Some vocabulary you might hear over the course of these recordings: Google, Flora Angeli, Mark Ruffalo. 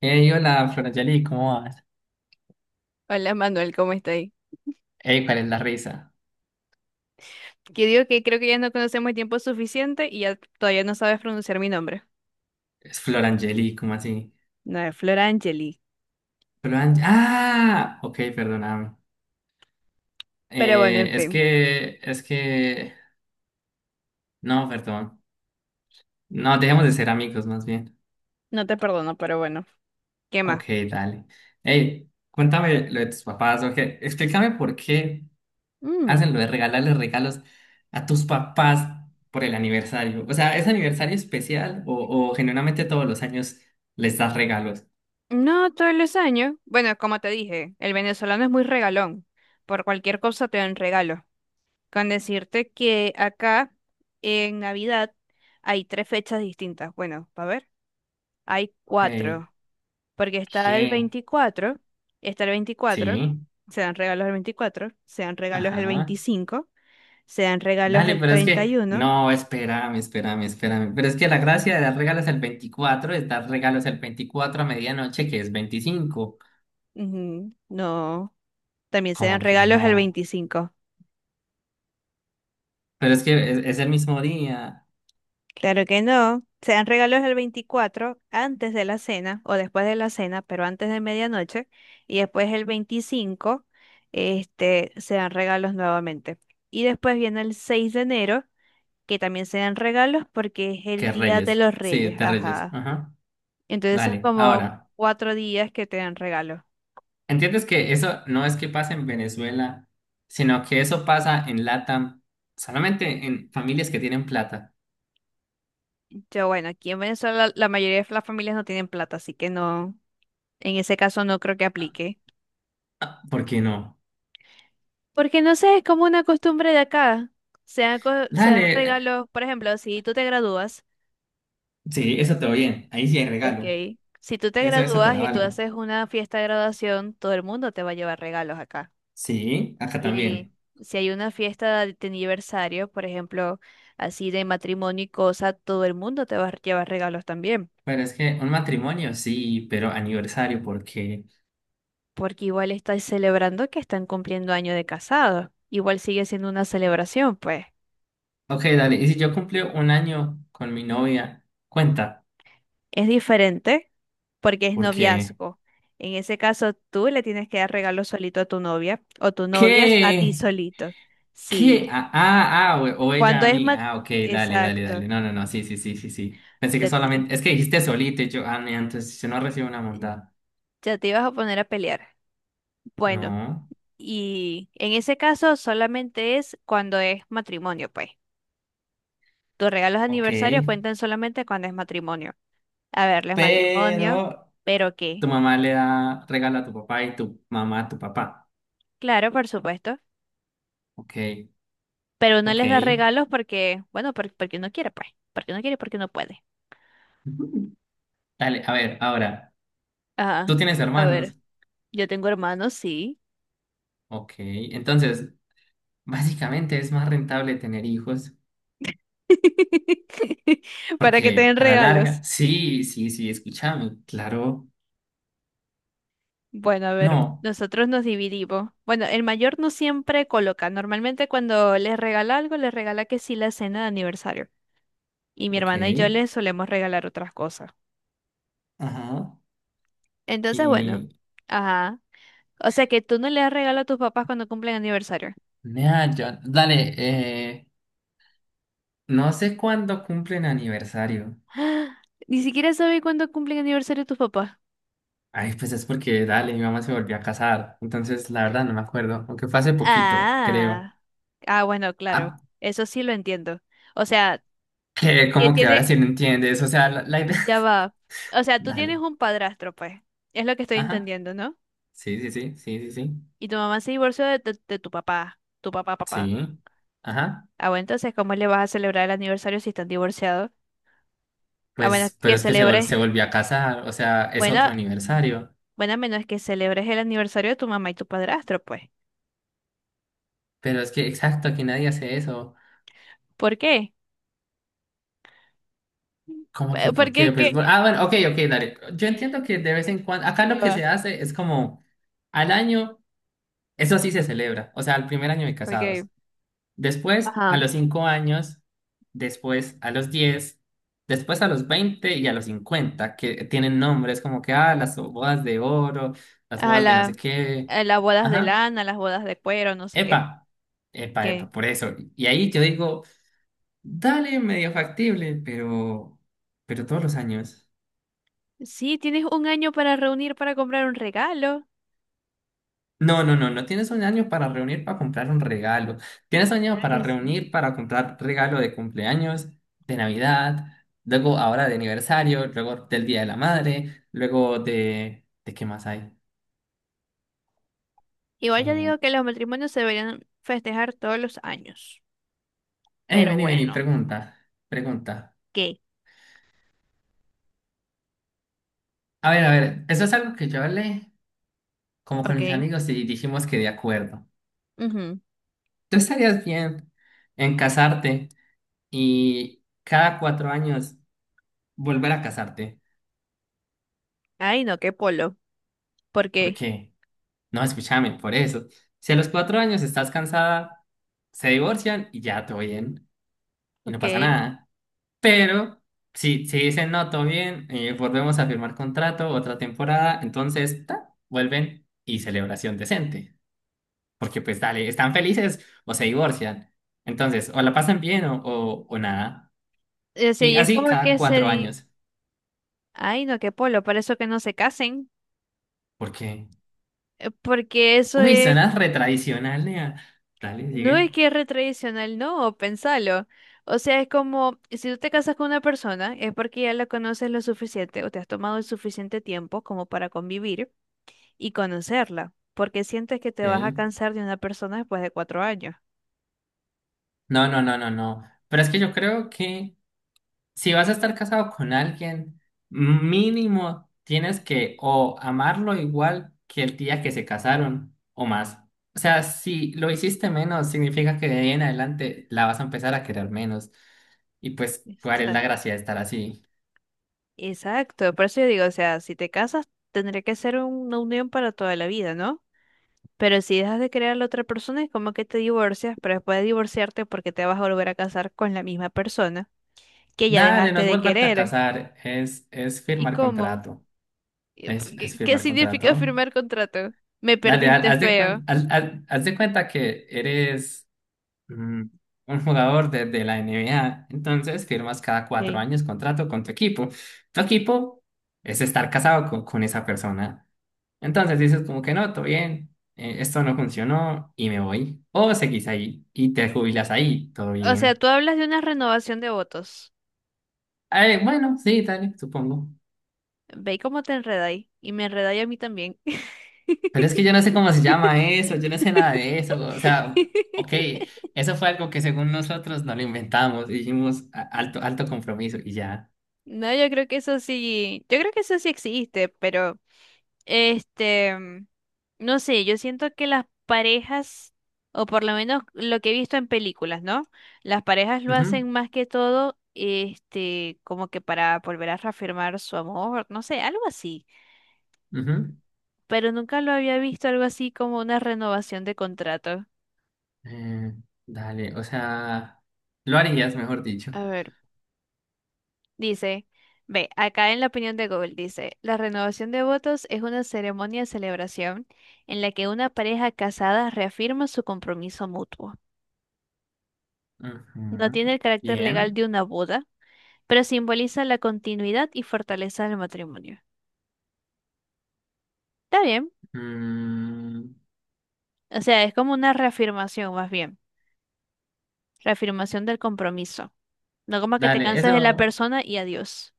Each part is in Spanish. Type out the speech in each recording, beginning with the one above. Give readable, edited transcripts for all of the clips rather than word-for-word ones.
Hey, hola, Florangeli, ¿cómo vas? Hola Manuel, ¿cómo estáis? Hey, ¿cuál es la risa? Que digo que creo que ya no conocemos el tiempo suficiente y ya todavía no sabes pronunciar mi nombre. Es Florangeli, ¿cómo así? No es Flora Angeli. ¡Ah! Ok, perdóname. Pero bueno, en es fin, que, es que... No, perdón. No, dejemos de ser amigos, más bien. no te perdono, pero bueno. ¿Qué más? Ok, dale. Hey, cuéntame lo de tus papás, ok. Explícame por qué Mm, hacen lo de regalarles regalos a tus papás por el aniversario. O sea, ¿es aniversario especial o genuinamente todos los años les das regalos? no todos los años. Bueno, como te dije, el venezolano es muy regalón. Por cualquier cosa te dan regalo. Con decirte que acá en Navidad hay tres fechas distintas. Bueno, a ver, hay Ok, cuatro. Porque ¿qué? Está el veinticuatro, Sí. se dan regalos el 24, se dan regalos el Ajá. 25, se dan regalos Dale, el pero es que, 31. no, espérame, espérame, espérame. Pero es que la gracia de dar regalos el 24 es dar regalos el 24 a medianoche, que es 25. Ujú. No, también se dan Como que regalos el no. veinticinco. Pero es que es el mismo día Claro que no, se dan regalos el 24 antes de la cena o después de la cena, pero antes de medianoche. Y después el 25, se dan regalos nuevamente. Y después viene el 6 de enero, que también se dan regalos porque es el que Día de Reyes. los Sí, Reyes. de Reyes. Ajá. Ajá. Entonces son Dale, como ahora, cuatro días que te dan regalo. ¿entiendes que eso no es que pasa en Venezuela, sino que eso pasa en LATAM, solamente en familias que tienen plata? Yo, bueno, aquí en Venezuela la mayoría de las familias no tienen plata, así que no, en ese caso no creo que aplique. Ah, ¿por qué no? Porque no sé, es como una costumbre de acá. Se dan, se dan Dale, regalos, por ejemplo, si tú te gradúas, sí, eso te si, va bien. Ahí sí hay regalo. ok, si tú te Eso te gradúas la y tú valgo. haces una fiesta de graduación, todo el mundo te va a llevar regalos acá. Sí, acá Si hay, también. si hay una fiesta de aniversario, por ejemplo, así de matrimonio y cosa, todo el mundo te va a llevar regalos también. Pero es que un matrimonio sí, pero aniversario, porque. Porque igual están celebrando que están cumpliendo año de casados. Igual sigue siendo una celebración, pues. Ok, dale, y si yo cumplí un año con mi novia, cuenta, Es diferente porque es porque. noviazgo. En ese caso, tú le tienes que dar regalo solito a tu novia o tu novia a ti ¿Qué? solito. ¿Qué? Sí. Ah, ah, ah, o Cuando ella a es mí. ma... Ah, ok, dale, dale, Exacto. dale. No, no, no, sí, sí, sí, sí, sí. Pensé que Ya te, solamente. Es que dijiste solito y yo, ah, mira, entonces yo no recibo una montada. ya te ibas a poner a pelear. Bueno, No, y en ese caso solamente es cuando es matrimonio, pues. Tus regalos de ok. aniversario cuentan solamente cuando es matrimonio. A verles Pero matrimonio, pero tu qué. mamá le da regalo a tu papá y tu mamá a tu papá. Claro, por supuesto. Ok, Pero no les da ok. regalos porque, bueno, porque no quiere, pues. Porque no quiere, porque no puede. Dale, a ver, ahora, Ajá. tú tienes A hermanos, ver, yo tengo hermanos, sí. ok, entonces, básicamente es más rentable tener hijos, Para que te porque den a la regalos. larga, sí, sí, sí, escúchame, claro, Bueno, a ver, no, nosotros nos dividimos. Bueno, el mayor no siempre coloca. Normalmente cuando les regala algo, les regala que sí la cena de aniversario. Y mi ok, hermana y yo les solemos regalar otras cosas. ajá, Entonces, bueno, y, ajá. O sea que tú no le das regalo a tus papás cuando cumplen aniversario. nada, dale, no sé cuándo cumplen aniversario, Ni siquiera sabes cuándo cumplen aniversario tus papás. ay, pues es porque, dale, mi mamá se volvió a casar, entonces, la verdad, no me acuerdo, aunque fue hace poquito, creo, Ah, ah, bueno, claro, ah, eso sí lo entiendo. O sea, que que como que ahora tiene, sí no entiendes, o sea, la idea, ya va. O sea, tú tienes dale, un padrastro, pues. Es lo que estoy ajá. entendiendo, ¿no? Sí, sí, sí, sí, sí, sí. Y tu mamá se divorció de tu papá, papá. Sí. Ajá. Ah, bueno, entonces, ¿cómo le vas a celebrar el aniversario si están divorciados? A menos Pues, pero que es que celebres, se volvió a casar, o sea, es bueno, otro aniversario. bueno, a menos que celebres el aniversario de tu mamá y tu padrastro, pues. Pero es que, exacto, aquí nadie hace eso. ¿Por qué? ¿Cómo que Pe- por Porque qué? es Pues, que ah, bueno, ok, ok, dale. Yo entiendo que de vez en cuando, acá lo ya que va. se hace es como al año, eso sí se celebra, o sea, al primer año de Ok. casados. Después, a Ajá. los 5 años, después a los 10, después a los 20 y a los 50, que tienen nombres como que, las bodas de oro, las A bodas de no sé la, qué. a las bodas de Ajá, lana, las bodas de cuero, no sé epa, qué. epa, epa, ¿Qué? por eso. Y ahí yo digo, dale, medio factible, pero todos los años. Sí, tienes un año para reunir para comprar un regalo. No, no, no, no tienes un año para reunir para comprar un regalo. Tienes un año Claro para que sí. reunir para comprar regalo de cumpleaños, de Navidad, luego ahora de aniversario, luego del Día de la Madre, luego de... ¿De qué más hay? Igual yo Eh, digo que los matrimonios se deberían festejar todos los años. Pero vení, vení, bueno, pregunta, pregunta. ¿qué? A ver, eso es algo que yo hablé como con mis Ok. amigos y dijimos que de acuerdo. Ujú. ¿Tú estarías bien en casarte y cada 4 años volver a casarte? Ay, no, qué polo. ¿Por ¿Por qué? qué? No, escúchame, por eso. Si a los 4 años estás cansada, se divorcian y ya todo bien. Y no Ok. pasa nada. Pero si, si dicen no, todo bien, volvemos a firmar contrato, otra temporada, entonces ta, vuelven y celebración decente. Porque pues dale, están felices o se divorcian. Entonces, o la pasan bien o nada. sí, Y y es así como cada que se cuatro di... años. Ay, no, qué polo. Por eso que no se casen. Porque, Porque eso uy, es. suena retradicional, nea. Dale, No sigue. es que es re tradicional, no, pensalo. O sea, es como si tú te casas con una persona, es porque ya la conoces lo suficiente o te has tomado el suficiente tiempo como para convivir y conocerla, porque sientes que te vas a Ok. cansar de una persona después de cuatro años. No, no, no, no, no. Pero es que yo creo que si vas a estar casado con alguien, mínimo tienes que o amarlo igual que el día que se casaron o más. O sea, si lo hiciste menos, significa que de ahí en adelante la vas a empezar a querer menos. Y pues, ¿cuál es la Exacto. gracia de estar así? Exacto, por eso yo digo, o sea, si te casas, tendría que ser una unión para toda la vida, ¿no? Pero si dejas de querer a la otra persona, es como que te divorcias, pero después de divorciarte, porque te vas a volver a casar con la misma persona que ya Dale, no dejaste es de volverte a querer. casar, es ¿Y firmar cómo? contrato. Es ¿Qué, qué firmar contrato. significa firmar contrato? Me Dale, perdiste feo. Haz de cuenta que eres mm, un jugador de la NBA. Entonces firmas cada cuatro Ok. años contrato con tu equipo. Tu equipo es estar casado con esa persona. Entonces dices como que no, todo bien, esto no funcionó y me voy. O seguís ahí y te jubilas ahí, todo O sea, bien. tú hablas de una renovación de votos. Bueno, sí, dale, supongo. Ve cómo te enredáis. Y me enredáis a mí también. Pero es que yo no sé cómo se llama eso, yo no sé nada de eso. O sea, ok, eso fue algo que según nosotros no lo inventamos, dijimos alto, alto compromiso y ya. No, yo creo que eso sí, yo creo que eso sí existe, pero... Este, no sé, yo siento que las parejas, o por lo menos lo que he visto en películas, ¿no? Las parejas lo Ujú, hacen más que todo, como que para volver a reafirmar su amor, no sé, algo así. ujú. Pero nunca lo había visto algo así como una renovación de contrato. Eh, Dale, o sea, lo harías, mejor dicho. A ver, dice, ve, acá en la opinión de Google dice, la renovación de votos es una ceremonia de celebración en la que una pareja casada reafirma su compromiso mutuo. No Ujú, tiene el carácter legal bien. de una boda, pero simboliza la continuidad y fortaleza del matrimonio. Está bien. Mm, O sea, es como una reafirmación, más bien. Reafirmación del compromiso. No como que te Dale, cansas de la eso. persona y adiós.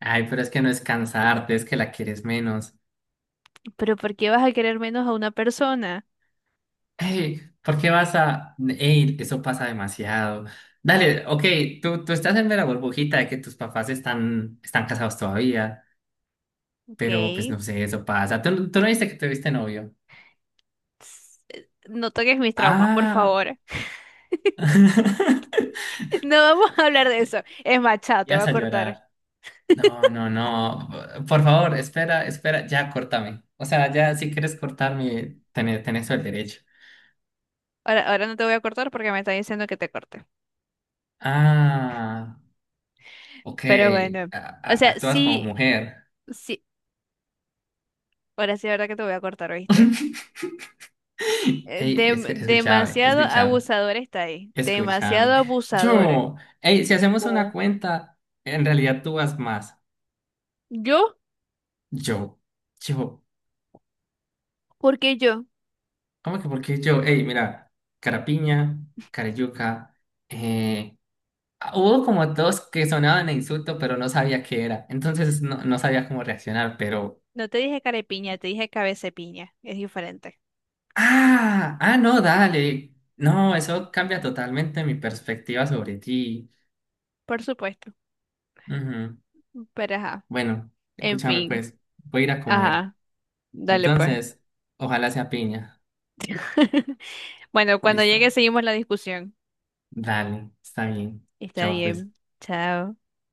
Ay, pero es que no es cansarte, es que la quieres menos. Pero ¿por qué vas a querer menos a una persona? Ey, ¿por qué vas a...? Ey, eso pasa demasiado. Dale, ok, tú estás en la burbujita de que tus papás están, están casados todavía, Ok. pero pues no sé, eso pasa. ¿Tú, tú no viste que tuviste novio? No toques mis traumas, por Ah, favor. No vamos a hablar de eso. Es más, chao, te voy ibas a a cortar. llorar. No, no, no. Por favor, espera, espera. Ya, córtame. O sea, ya si quieres cortarme, tenés, tenés todo el derecho. Ahora, ahora no te voy a cortar porque me está diciendo que te corte. Ah, ok. Pero bueno. A- O sea, Actúas como sí, mujer. sí. Ahora sí, la verdad que te voy a cortar, ¿oíste? Hey, escúchame, Demasiado escúchame, abusador está ahí. Demasiado escúchame. abusador. Yo, hey, si hacemos una Oh, cuenta, en realidad tú vas más. ¿yo? Yo, yo. ¿Por qué yo? ¿Cómo que por qué yo? Hey, mira, Carapiña, Carayuca, ah, hubo como dos que sonaban a insulto, pero no sabía qué era. Entonces no, no sabía cómo reaccionar, pero... No te dije carepiña, te dije cabecepiña. Es diferente. Ah, ah, no, dale. No, eso cambia totalmente mi perspectiva sobre ti. Por supuesto. Ujú. Pero ajá. Bueno, En escúchame fin. pues, voy a ir a comer. Ajá. Dale pues. Entonces, ojalá sea piña. Bueno, cuando llegue Listo. seguimos la discusión. Dale, está bien. Está Chao pues. bien. Chao.